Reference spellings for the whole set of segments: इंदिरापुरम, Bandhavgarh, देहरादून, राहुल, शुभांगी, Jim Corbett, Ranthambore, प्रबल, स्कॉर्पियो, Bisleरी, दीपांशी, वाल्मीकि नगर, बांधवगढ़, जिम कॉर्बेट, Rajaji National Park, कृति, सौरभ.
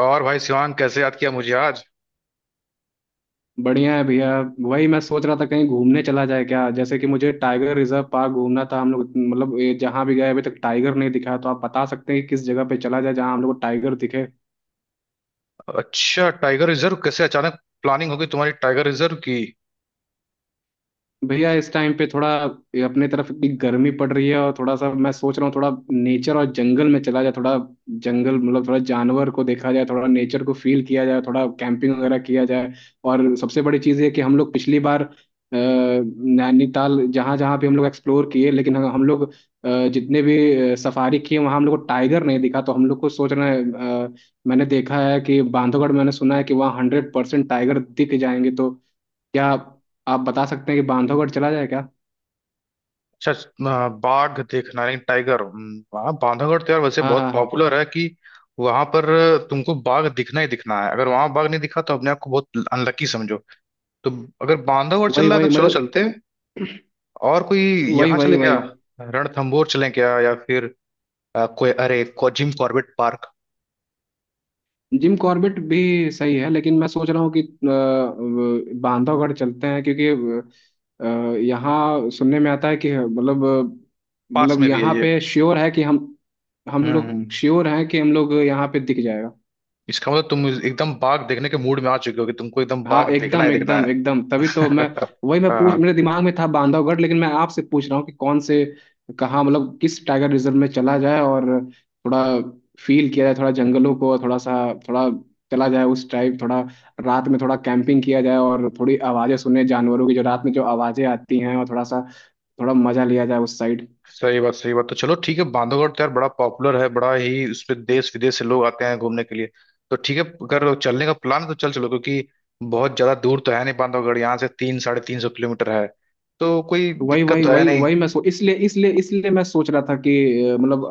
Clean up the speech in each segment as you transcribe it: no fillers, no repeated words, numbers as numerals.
और भाई शिवांग, कैसे याद किया मुझे आज? बढ़िया है भैया। वही मैं सोच रहा था कहीं घूमने चला जाए क्या, जैसे कि मुझे टाइगर रिजर्व पार्क घूमना था। हम लोग मतलब ये जहाँ भी गए अभी तक टाइगर नहीं दिखा, तो आप बता सकते हैं कि किस जगह पे चला जाए जहाँ हम लोग को टाइगर दिखे। अच्छा, टाइगर रिजर्व? कैसे अचानक प्लानिंग होगी तुम्हारी टाइगर रिजर्व की? भैया इस टाइम पे थोड़ा, ये अपने तरफ इतनी गर्मी पड़ रही है और थोड़ा सा मैं सोच रहा हूँ थोड़ा नेचर और जंगल में चला जाए थोड़ा। जंगल मतलब थोड़ा जानवर को देखा जाए, थोड़ा नेचर को फील किया जाए, थोड़ा कैंपिंग वगैरह किया जाए। और सबसे बड़ी चीज़ ये कि हम लोग पिछली बार नैनीताल जहाँ जहाँ भी हम लोग एक्सप्लोर किए, लेकिन हम लोग जितने भी सफारी किए वहाँ हम लोग को टाइगर नहीं दिखा, तो हम लोग को सोच रहे हैं अ, मैंने देखा है कि बांधवगढ़, मैंने सुना है कि वहाँ हंड्रेड परसेंट टाइगर दिख जाएंगे। तो क्या आप बता सकते हैं कि बांधवगढ़ चला जाए क्या। अच्छा, बाघ देखना, नहीं टाइगर। वहाँ बांधवगढ़ तो यार वैसे हाँ बहुत हाँ। पॉपुलर है कि वहां पर तुमको बाघ दिखना ही दिखना है। अगर वहां बाघ नहीं दिखा तो अपने आप को बहुत अनलकी समझो। तो अगर बांधवगढ़ चल वही रहा है तो वही चलो, मतलब, चलते हैं। और कोई वही यहाँ वही चले क्या? वही रणथंबोर चले क्या? या फिर कोई, अरे, जिम कॉर्बेट park? जिम कॉर्बेट भी सही है, लेकिन मैं सोच रहा हूँ कि बांधवगढ़ चलते हैं क्योंकि यहाँ सुनने में आता है कि मतलब पास मतलब में भी है यहाँ ये। पे श्योर है कि हम हम्म लोग हम्म। श्योर हैं कि हम लोग यहाँ पे दिख जाएगा। इसका मतलब तुम एकदम बाघ देखने के मूड में आ चुके हो कि तुमको एकदम बाघ हाँ देखना ही एकदम देखना एकदम है। एकदम, तभी तो मैं वही मैं पूछ, हाँ। मेरे दिमाग में था बांधवगढ़, लेकिन मैं आपसे पूछ रहा हूँ कि कौन से, कहाँ मतलब किस टाइगर रिजर्व में चला जाए। और थोड़ा फील किया जाए थोड़ा जंगलों को, और थोड़ा सा थोड़ा चला जाए उस टाइप, थोड़ा रात में थोड़ा कैंपिंग किया जाए और थोड़ी आवाजें सुने जानवरों की, जो रात में जो आवाजें आती हैं, और थोड़ा सा थोड़ा मजा लिया जाए उस साइड। सही बात, सही बात। तो चलो ठीक है, बांधवगढ़ तो यार बड़ा पॉपुलर है, बड़ा ही उस पे देश विदेश से लोग आते हैं घूमने के लिए। तो ठीक है, अगर चलने का प्लान है तो चल चलो, क्योंकि बहुत ज्यादा दूर तो है नहीं बांधवगढ़, यहाँ से तीन 350 किलोमीटर है। तो कोई वही दिक्कत वही तो है वही नहीं। वही मैं सो इसलिए इसलिए इसलिए मैं सोच रहा था कि मतलब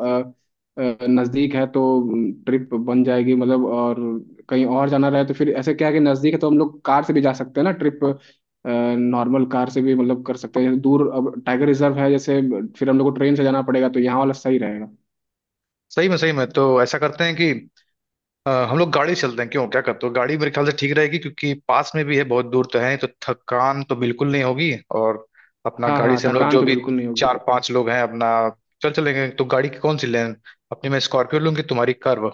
नजदीक है तो ट्रिप बन जाएगी मतलब। और कहीं और जाना रहे तो फिर ऐसे क्या है कि नजदीक है तो हम लोग कार से भी जा सकते हैं ना, ट्रिप नॉर्मल कार से भी मतलब कर सकते हैं। दूर अब टाइगर रिजर्व है जैसे, फिर हम लोग को ट्रेन से जाना पड़ेगा, तो यहाँ वाला सही रहेगा। सही में, सही में। तो ऐसा करते हैं कि हम लोग गाड़ी चलते हैं, क्यों? क्या करते हो, गाड़ी मेरे ख्याल से ठीक रहेगी, क्योंकि पास में भी है, बहुत दूर तो है नहीं, तो थकान तो बिल्कुल नहीं होगी। और अपना हाँ गाड़ी हाँ, से हम लोग थकान जो तो भी बिल्कुल नहीं होगी। चार पांच लोग हैं अपना, चल चलेंगे तो गाड़ी की कौन सी लें? अपनी मैं स्कॉर्पियो लूँ कि तुम्हारी कर्व?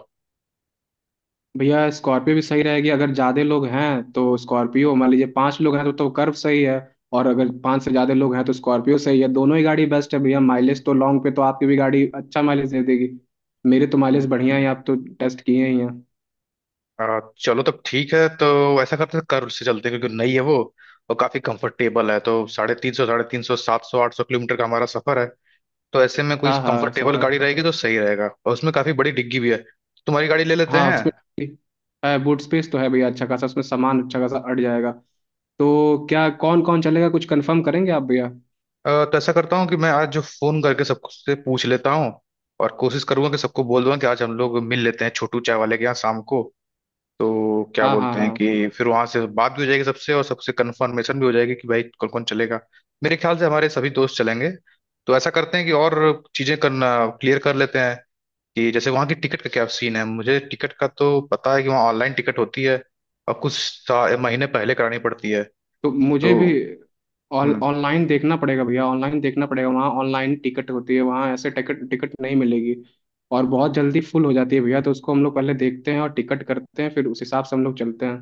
भैया स्कॉर्पियो भी सही रहेगी, अगर ज्यादा लोग हैं तो स्कॉर्पियो, मान लीजिए पांच लोग हैं तो कर्व सही है। और अगर पांच से ज्यादा लोग हैं तो स्कॉर्पियो सही है। दोनों ही गाड़ी बेस्ट है भैया, माइलेज तो लॉन्ग पे तो आपकी भी गाड़ी अच्छा माइलेज दे देगी। मेरे तो माइलेज बढ़िया हम्म। है, आप तो टेस्ट किए ही हैं। चलो तब ठीक है। तो ऐसा करते हैं, कर्व से चलते हैं क्योंकि नई है वो और काफी कंफर्टेबल है। तो 350 350 700 800 किलोमीटर का हमारा सफर है। तो ऐसे में कोई हाँ हाँ, कंफर्टेबल सफर। गाड़ी रहेगी तो सही रहेगा, और उसमें काफी बड़ी डिग्गी भी है। तुम्हारी गाड़ी ले लेते हाँ हैं। उसमें है, बूट स्पेस तो है भैया, अच्छा खासा, उसमें सामान अच्छा खासा अट जाएगा। तो क्या कौन कौन चलेगा कुछ कंफर्म करेंगे आप भैया। तो ऐसा करता हूँ कि मैं आज जो फोन करके सबसे पूछ लेता हूँ, और कोशिश करूंगा कि सबको बोल दूंगा कि आज हम लोग मिल लेते हैं छोटू चाय वाले के यहाँ शाम को। तो क्या हाँ हाँ बोलते हैं हाँ। कि फिर वहां से बात भी हो जाएगी सबसे, और सबसे कंफर्मेशन भी हो जाएगी कि भाई कौन कौन चलेगा। मेरे ख्याल से हमारे सभी दोस्त चलेंगे। तो ऐसा करते हैं कि और चीजें करना क्लियर कर लेते हैं, कि जैसे वहाँ की टिकट का क्या सीन है। मुझे टिकट का तो पता है कि वहाँ ऑनलाइन टिकट होती है, और कुछ महीने पहले करानी पड़ती है। तो मुझे तो भी ऑन हम्म। ऑनलाइन देखना पड़ेगा भैया, ऑनलाइन देखना पड़ेगा, वहाँ ऑनलाइन टिकट होती है, वहाँ ऐसे टिकट टिकट नहीं मिलेगी। और बहुत जल्दी फुल हो जाती है भैया, तो उसको हम लोग पहले देखते हैं और टिकट करते हैं फिर उस हिसाब से हम लोग चलते हैं।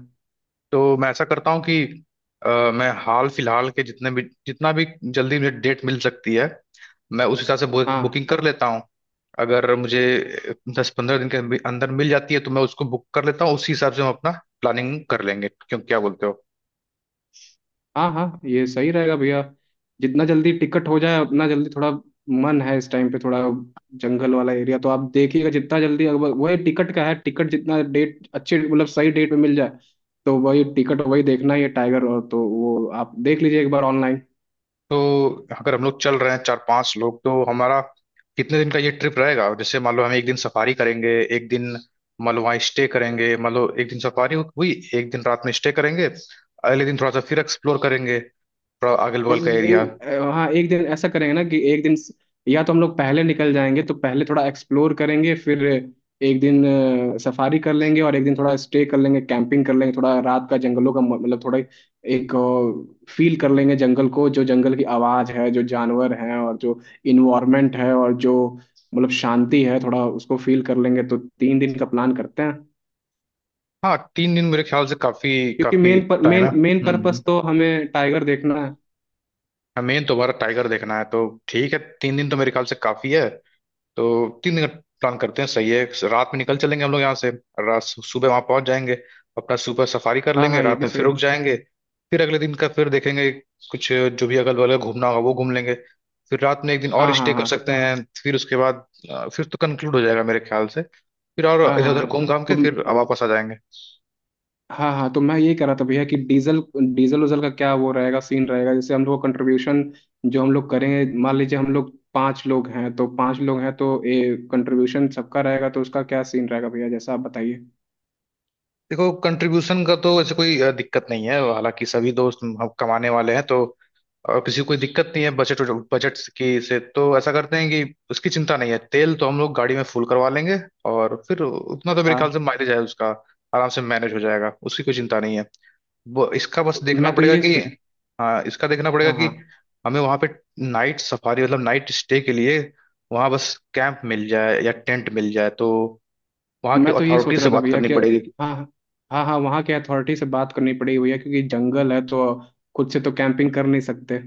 तो मैं ऐसा करता हूँ कि अ, मैं हाल फिलहाल के जितने भी, जितना भी जल्दी मुझे डेट मिल सकती है, मैं उस हिसाब से हाँ बुकिंग कर लेता हूँ। अगर मुझे 10-15 दिन के अंदर अंदर मिल जाती है तो मैं उसको बुक कर लेता हूँ, उसी हिसाब से हम अपना प्लानिंग कर लेंगे। क्यों, क्या बोलते हो? हाँ हाँ, ये सही रहेगा भैया। जितना जल्दी टिकट हो जाए उतना जल्दी, थोड़ा मन है इस टाइम पे थोड़ा जंगल वाला एरिया, तो आप देखिएगा जितना जल्दी। वही टिकट का है, टिकट जितना डेट अच्छे मतलब सही डेट पे मिल जाए, तो वही टिकट, वही देखना ही है टाइगर। और तो वो आप देख लीजिए एक बार ऑनलाइन। तो अगर हम लोग चल रहे हैं चार पांच लोग, तो हमारा कितने दिन का ये ट्रिप रहेगा? जैसे मान लो हम एक दिन सफारी करेंगे, एक दिन मान लो वहाँ स्टे करेंगे। मान लो एक दिन सफारी हुई, एक दिन रात में स्टे करेंगे, अगले दिन थोड़ा सा फिर एक्सप्लोर करेंगे थोड़ा अगल बगल का और एरिया। एक, हाँ एक दिन ऐसा करेंगे ना कि एक दिन या तो हम लोग पहले निकल जाएंगे तो पहले थोड़ा एक्सप्लोर करेंगे, फिर एक दिन सफारी कर लेंगे और एक दिन थोड़ा स्टे कर लेंगे, कैंपिंग कर लेंगे, थोड़ा रात का जंगलों का मतलब थोड़ा एक फील कर लेंगे जंगल को, जो जंगल की आवाज़ है, जो जानवर हैं, और जो इन्वायरमेंट है, और जो मतलब शांति है, थोड़ा उसको फील कर लेंगे। तो तीन दिन का प्लान करते हैं, हाँ, 3 दिन मेरे ख्याल से काफी, क्योंकि काफी मेन पर टाइम मेन है। मेन हम्म। पर्पस तो हमें टाइगर देखना है। हमें दोबारा टाइगर देखना है, तो ठीक है, 3 दिन तो मेरे ख्याल से काफी है। तो 3 दिन का प्लान करते हैं, सही है। रात में निकल चलेंगे हम लोग यहाँ से, रात, सुबह वहां पहुंच जाएंगे। अपना सुबह सफारी कर हाँ लेंगे, हाँ ये रात भी में सही फिर है। रुक जाएंगे। फिर अगले दिन का फिर देखेंगे, कुछ जो भी अगल बगल घूमना होगा वो घूम लेंगे। फिर रात में एक दिन और हाँ हाँ स्टे कर हाँ सकते हैं। फिर उसके बाद फिर तो कंक्लूड हो जाएगा मेरे ख्याल से, फिर हाँ और इधर उधर हाँ। घूम घाम तो के फिर वापस आ जाएंगे। हाँ हाँ, तो मैं ये कह रहा था भैया कि डीजल डीजल उजल का क्या वो रहेगा सीन, रहेगा जैसे हम लोग कंट्रीब्यूशन जो हम लोग करेंगे, मान लीजिए हम लोग पांच लोग हैं तो पांच लोग हैं तो ये कंट्रीब्यूशन सबका रहेगा, तो उसका क्या सीन रहेगा भैया, जैसा आप बताइए। देखो, कंट्रीब्यूशन का तो ऐसे कोई दिक्कत नहीं है। हालांकि सभी दोस्त हम कमाने वाले हैं, तो किसी को कोई दिक्कत नहीं है, बजट। बजट की से तो ऐसा करते हैं कि उसकी चिंता नहीं है। तेल तो हम लोग गाड़ी में फुल करवा लेंगे, और फिर उतना तो मेरे ख्याल से हाँ माइलेज है उसका, आराम से मैनेज हो जाएगा, उसकी कोई चिंता नहीं है। वो इसका तो बस देखना मैं तो पड़ेगा ये कि, हाँ, इसका देखना पड़ेगा हाँ कि हाँ, हमें वहाँ पे नाइट सफारी, मतलब नाइट स्टे के लिए, वहाँ बस कैंप मिल जाए या टेंट मिल जाए, तो वहाँ तो की मैं तो ये अथॉरिटी सोच से रहा था बात भैया करनी कि पड़ेगी। हाँ हाँ। हाँ हाँ, वहाँ के अथॉरिटी से बात करनी पड़ेगी भैया, क्योंकि जंगल है तो खुद से तो कैंपिंग कर नहीं सकते।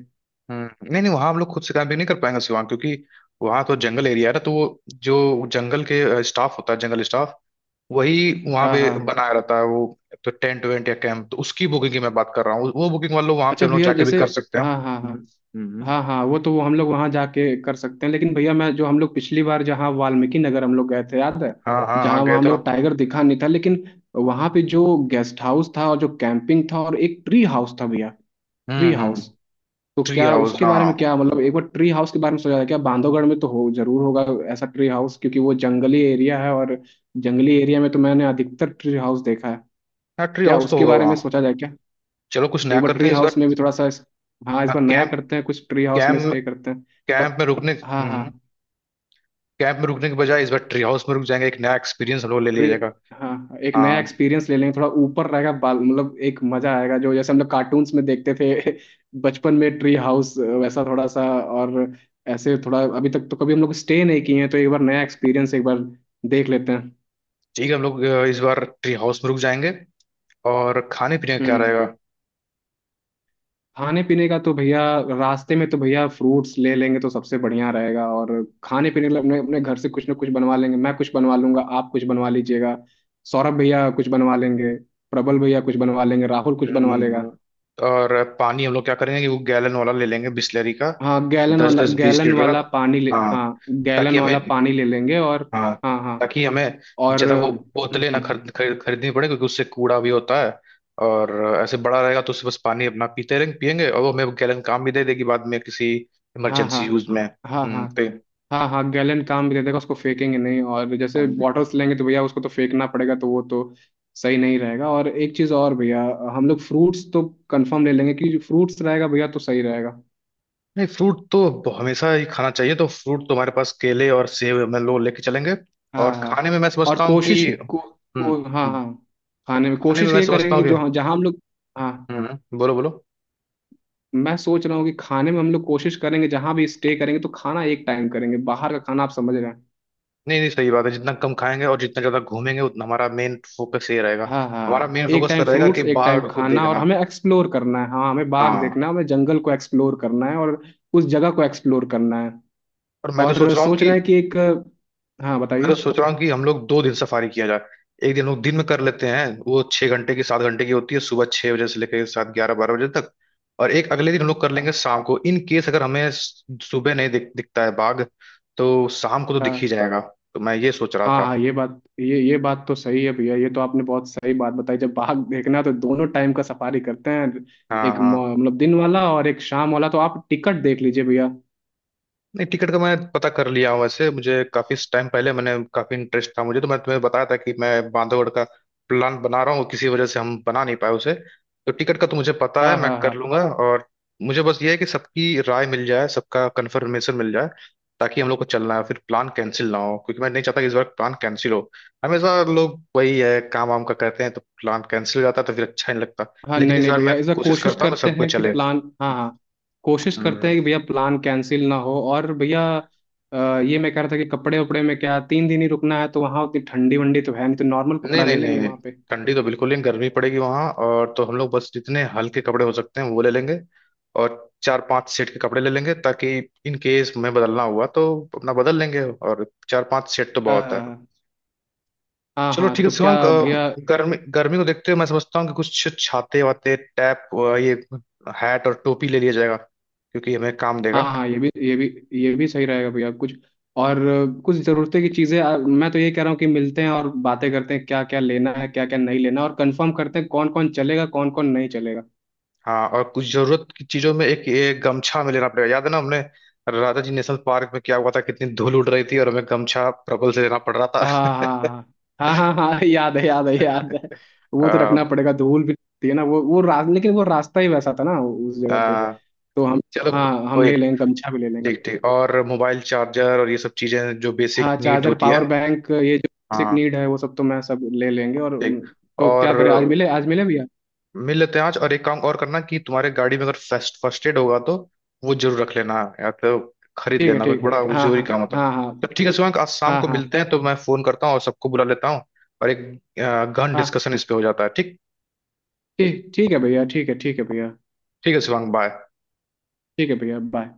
नहीं नहीं, वहां हम लोग खुद से कैंपिंग नहीं कर पाएंगे शिवांग, क्योंकि वहां तो जंगल एरिया है ना, तो वो जो जंगल के स्टाफ होता है, जंगल स्टाफ वही वहां हाँ पे हाँ। बनाया रहता है वो। तो टेंट वेंट या कैंप तो उसकी बुकिंग की मैं बात कर रहा हूँ, वो बुकिंग वाले लोग वहां पे अच्छा हम लोग भैया, जाके अच्छा भी जैसे। अच्छा कर अच्छा सकते हैं। हाँ हाँ हाँ। हम्म। हाँ हाँ, वो तो वो हम लोग वहां जाके कर सकते हैं, लेकिन भैया मैं जो हम लोग पिछली बार जहाँ वाल्मीकि नगर हम लोग गए थे याद है, हाँ हाँ हाँ, जहाँ वहाँ गए हम तो। लोग टाइगर दिखा नहीं था, लेकिन वहां पे जो गेस्ट हाउस था और जो कैंपिंग था और एक ट्री हाउस था भैया, ट्री हम्म। हाउस। तो ट्री क्या हाउस, उसके बारे में, हाँ। क्या मतलब एक बार ट्री हाउस के बारे में सोचा था क्या, बांधवगढ़ में तो हो जरूर होगा ऐसा ट्री हाउस, क्योंकि वो जंगली एरिया है और जंगली एरिया में तो मैंने अधिकतर ट्री हाउस देखा है। हाँ, ट्री क्या हाउस तो उसके होगा बारे वहाँ। में सोचा जाए क्या। चलो, कुछ नया एक बार करते ट्री हैं इस हाउस बार। में भी थोड़ा सा हाँ इस हाँ, बार नया कैंप, करते हैं कुछ, ट्री हाउस में कैंप, स्टे करते हैं थोड़ा। कैंप में रुकने, हाँ हाँ। हम्म, कैंप में रुकने के बजाय इस बार ट्री हाउस में रुक जाएंगे, एक नया एक्सपीरियंस हम लोग ले लिया ट्री जाएगा। हाँ एक नया हाँ, एक्सपीरियंस ले लेंगे, थोड़ा ऊपर रहेगा बाल मतलब एक मजा आएगा, जो जैसे हम लोग कार्टून्स में देखते थे बचपन में, ट्री हाउस वैसा थोड़ा सा। और ऐसे थोड़ा अभी तक तो कभी हम लोग स्टे नहीं किए हैं, तो एक बार नया एक्सपीरियंस एक बार देख लेते हैं। ठीक है, हम लोग इस बार ट्री हाउस में रुक जाएंगे। और खाने पीने का क्या हम्म। रहेगा? खाने पीने का तो भैया, रास्ते में तो भैया फ्रूट्स ले लेंगे तो सबसे बढ़िया रहेगा। और खाने पीने के लिए अपने अपने घर से कुछ ना कुछ बनवा लेंगे, मैं कुछ बनवा लूंगा, आप कुछ बनवा लीजिएगा, सौरभ भैया कुछ बनवा लेंगे, प्रबल भैया कुछ बनवा लेंगे, राहुल कुछ बनवा हम्म। लेगा। और पानी हम लोग क्या करेंगे कि वो गैलन वाला ले लेंगे बिस्लरी का, हाँ गैलन दस वाला, दस बीस गैलन लीटर का। वाला पानी ले हाँ, हाँ ताकि गैलन हमें, वाला पानी ले लेंगे। और हाँ हाँ हाँ। ताकि हमें और ज़्यादा वो बोतलें ना खरीद खरीद- खरीदनी पड़े, क्योंकि उससे कूड़ा भी होता है। और ऐसे बड़ा रहेगा तो उससे बस पानी अपना पीते रहेंगे, पियेंगे, और वो हमें गैलन काम भी दे देगी बाद में किसी हाँ हाँ इमरजेंसी यूज में। हाँ हम्म। हाँ। हाँ हाँ, गैलेंट काम भी दे देगा, उसको फेंकेंगे नहीं। और जैसे पे, बॉटल्स लेंगे तो भैया उसको तो फेंकना पड़ेगा, तो वो तो सही नहीं रहेगा। और एक चीज़ और भैया, हम लोग फ्रूट्स तो कंफर्म ले लेंगे कि फ्रूट्स रहेगा भैया तो सही रहेगा। नहीं, फ्रूट तो हमेशा ही खाना चाहिए, तो फ्रूट तो हमारे पास केले और सेब हम लोग लेके चलेंगे। हाँ और हाँ। खाने में मैं और समझता हूँ कि कोशिश को, हम्म। को हाँ हम्म, हाँ। खाने में खाने में कोशिश मैं ये समझता करेंगे हूँ कि कि, जो, हाँ, जहाँ हम लोग, हाँ बोलो बोलो। मैं सोच रहा हूँ कि खाने में हम लोग कोशिश करेंगे जहाँ भी स्टे करेंगे तो खाना एक टाइम करेंगे बाहर का खाना, आप समझ रहे हैं। नहीं नहीं, सही बात है, जितना कम खाएंगे और जितना ज्यादा घूमेंगे, उतना हमारा मेन फोकस ये रहेगा। हाँ हमारा हाँ, मेन एक फोकस तो टाइम रहेगा कि फ्रूट्स, एक टाइम बाघ को खाना, और देखना। हमें एक्सप्लोर करना है। हाँ हमें बाग हाँ। देखना है, हमें जंगल को एक्सप्लोर करना है और उस जगह को एक्सप्लोर करना है। और मैं तो और सोच रहा हूँ सोच कि, रहे हैं कि एक, हाँ मैं बताइए। तो सोच रहा हूँ कि हम लोग 2 दिन सफारी किया जाए। एक दिन लोग दिन में कर लेते हैं, वो 6 घंटे की 7 घंटे की होती है, सुबह 6 बजे से लेकर सात, 11, 12 बजे तक। और एक अगले दिन हम लोग कर लेंगे हाँ शाम को, इन केस अगर हमें सुबह नहीं दिखता है बाघ, तो शाम को तो दिख ही जाएगा। तो मैं ये सोच रहा हाँ था। हाँ, ये बात ये बात तो सही है भैया, ये तो आपने बहुत सही बात बताई। जब बाघ देखना है तो दोनों टाइम का सफारी करते हैं, हाँ एक हाँ। मतलब दिन वाला और एक शाम वाला। तो आप टिकट देख लीजिए भैया। नहीं, टिकट का मैं पता कर लिया हूँ वैसे, मुझे काफी टाइम पहले मैंने काफी इंटरेस्ट था मुझे, तो मैं तुम्हें बताया था कि मैं बांधवगढ़ का प्लान बना रहा हूँ, किसी वजह से हम बना नहीं पाए उसे। तो टिकट का तो मुझे पता है, हाँ मैं हाँ कर हाँ लूंगा। और मुझे बस ये है कि सबकी राय मिल जाए, सबका कंफर्मेशन मिल जाए, ताकि हम लोग को चलना है फिर प्लान कैंसिल ना हो, क्योंकि मैं नहीं चाहता कि इस बार प्लान कैंसिल हो। हमेशा लोग वही है, काम वाम का करते हैं तो प्लान कैंसिल हो जाता है, तो फिर अच्छा नहीं लगता। हाँ। लेकिन नहीं इस नहीं बार मैं भैया इस बार कोशिश कोशिश करता हूँ कि करते सब कोई हैं कि चले। प्लान, हाँ हाँ, कोशिश करते हम्म। हैं कि भैया प्लान कैंसिल ना हो। और भैया ये मैं कह रहा था कि कपड़े उपड़े में क्या, तीन दिन ही रुकना है तो वहाँ उतनी ठंडी वंडी तो है नहीं, तो नॉर्मल नहीं कपड़ा नहीं ले नहीं लेंगे नहीं, वहाँ पे। ठंडी तो बिल्कुल नहीं, गर्मी पड़ेगी वहां। और तो हम लोग बस जितने हल्के कपड़े हो सकते हैं वो ले लेंगे, और चार पांच सेट के कपड़े ले लेंगे ताकि इन केस में बदलना हुआ तो अपना बदल लेंगे। और चार पांच सेट तो बहुत है। हाँ हाँ चलो हाँ, ठीक है तो क्या शिवांक, भैया। गर्मी गर्मी को देखते हुए मैं समझता हूँ कि कुछ छाते वाते टैप, ये हैट और टोपी ले लिया जाएगा क्योंकि हमें काम हाँ देगा। हाँ ये भी ये भी सही रहेगा भैया कुछ। और कुछ ज़रूरतें की चीज़ें, मैं तो ये कह रहा हूँ कि मिलते हैं और बातें करते हैं, क्या क्या लेना है क्या क्या नहीं लेना, और कंफर्म करते हैं कौन कौन चलेगा कौन कौन नहीं चलेगा। हाँ, और कुछ जरूरत की चीजों में एक, एक गमछा में लेना पड़ेगा, याद है ना हमने राजा जी नेशनल पार्क में क्या हुआ था, कितनी धूल उड़ रही थी और हमें गमछा प्रबल से लेना पड़ रहा था। हाँ हाँ हाँ हाँ हाँ, हाँ, याद है याद है याद है। वो तो रखना आ, पड़ेगा, धूल भी थी ना, लेकिन वो रास्ता ही वैसा था ना उस जगह पे। आ, तो हम, चलो हाँ हम कोई। ले लेंगे, गमछा भी ले ठीक लेंगे। ठीक। और मोबाइल चार्जर और ये सब चीजें जो बेसिक हाँ नीड चार्जर, होती है। पावर बैंक, ये जो बेसिक हाँ नीड है वो सब तो मैं, सब ले लेंगे। और ठीक। तो क्या और करें, आज मिले भैया। मिल लेते हैं आज, और एक काम और करना कि तुम्हारे गाड़ी में अगर फर्स्ट फर्स्ट एड होगा तो वो जरूर रख लेना, या तो खरीद ठीक है, लेना, क्योंकि ठीक बड़ा वो है। हाँ जरूरी हाँ काम होता है। हाँ हाँ तो ठीक है शिवांग, आज शाम हाँ को हाँ मिलते हैं, तो मैं फोन करता हूँ और सबको बुला लेता हूँ। और एक गहन हाँ। डिस्कशन इस पे हो जाता है, ठीक। ठीक, ठीक है भैया, ठीक है, ठीक है भैया। ठीक है शिवांग, बाय। ठीक है भैया, बाय।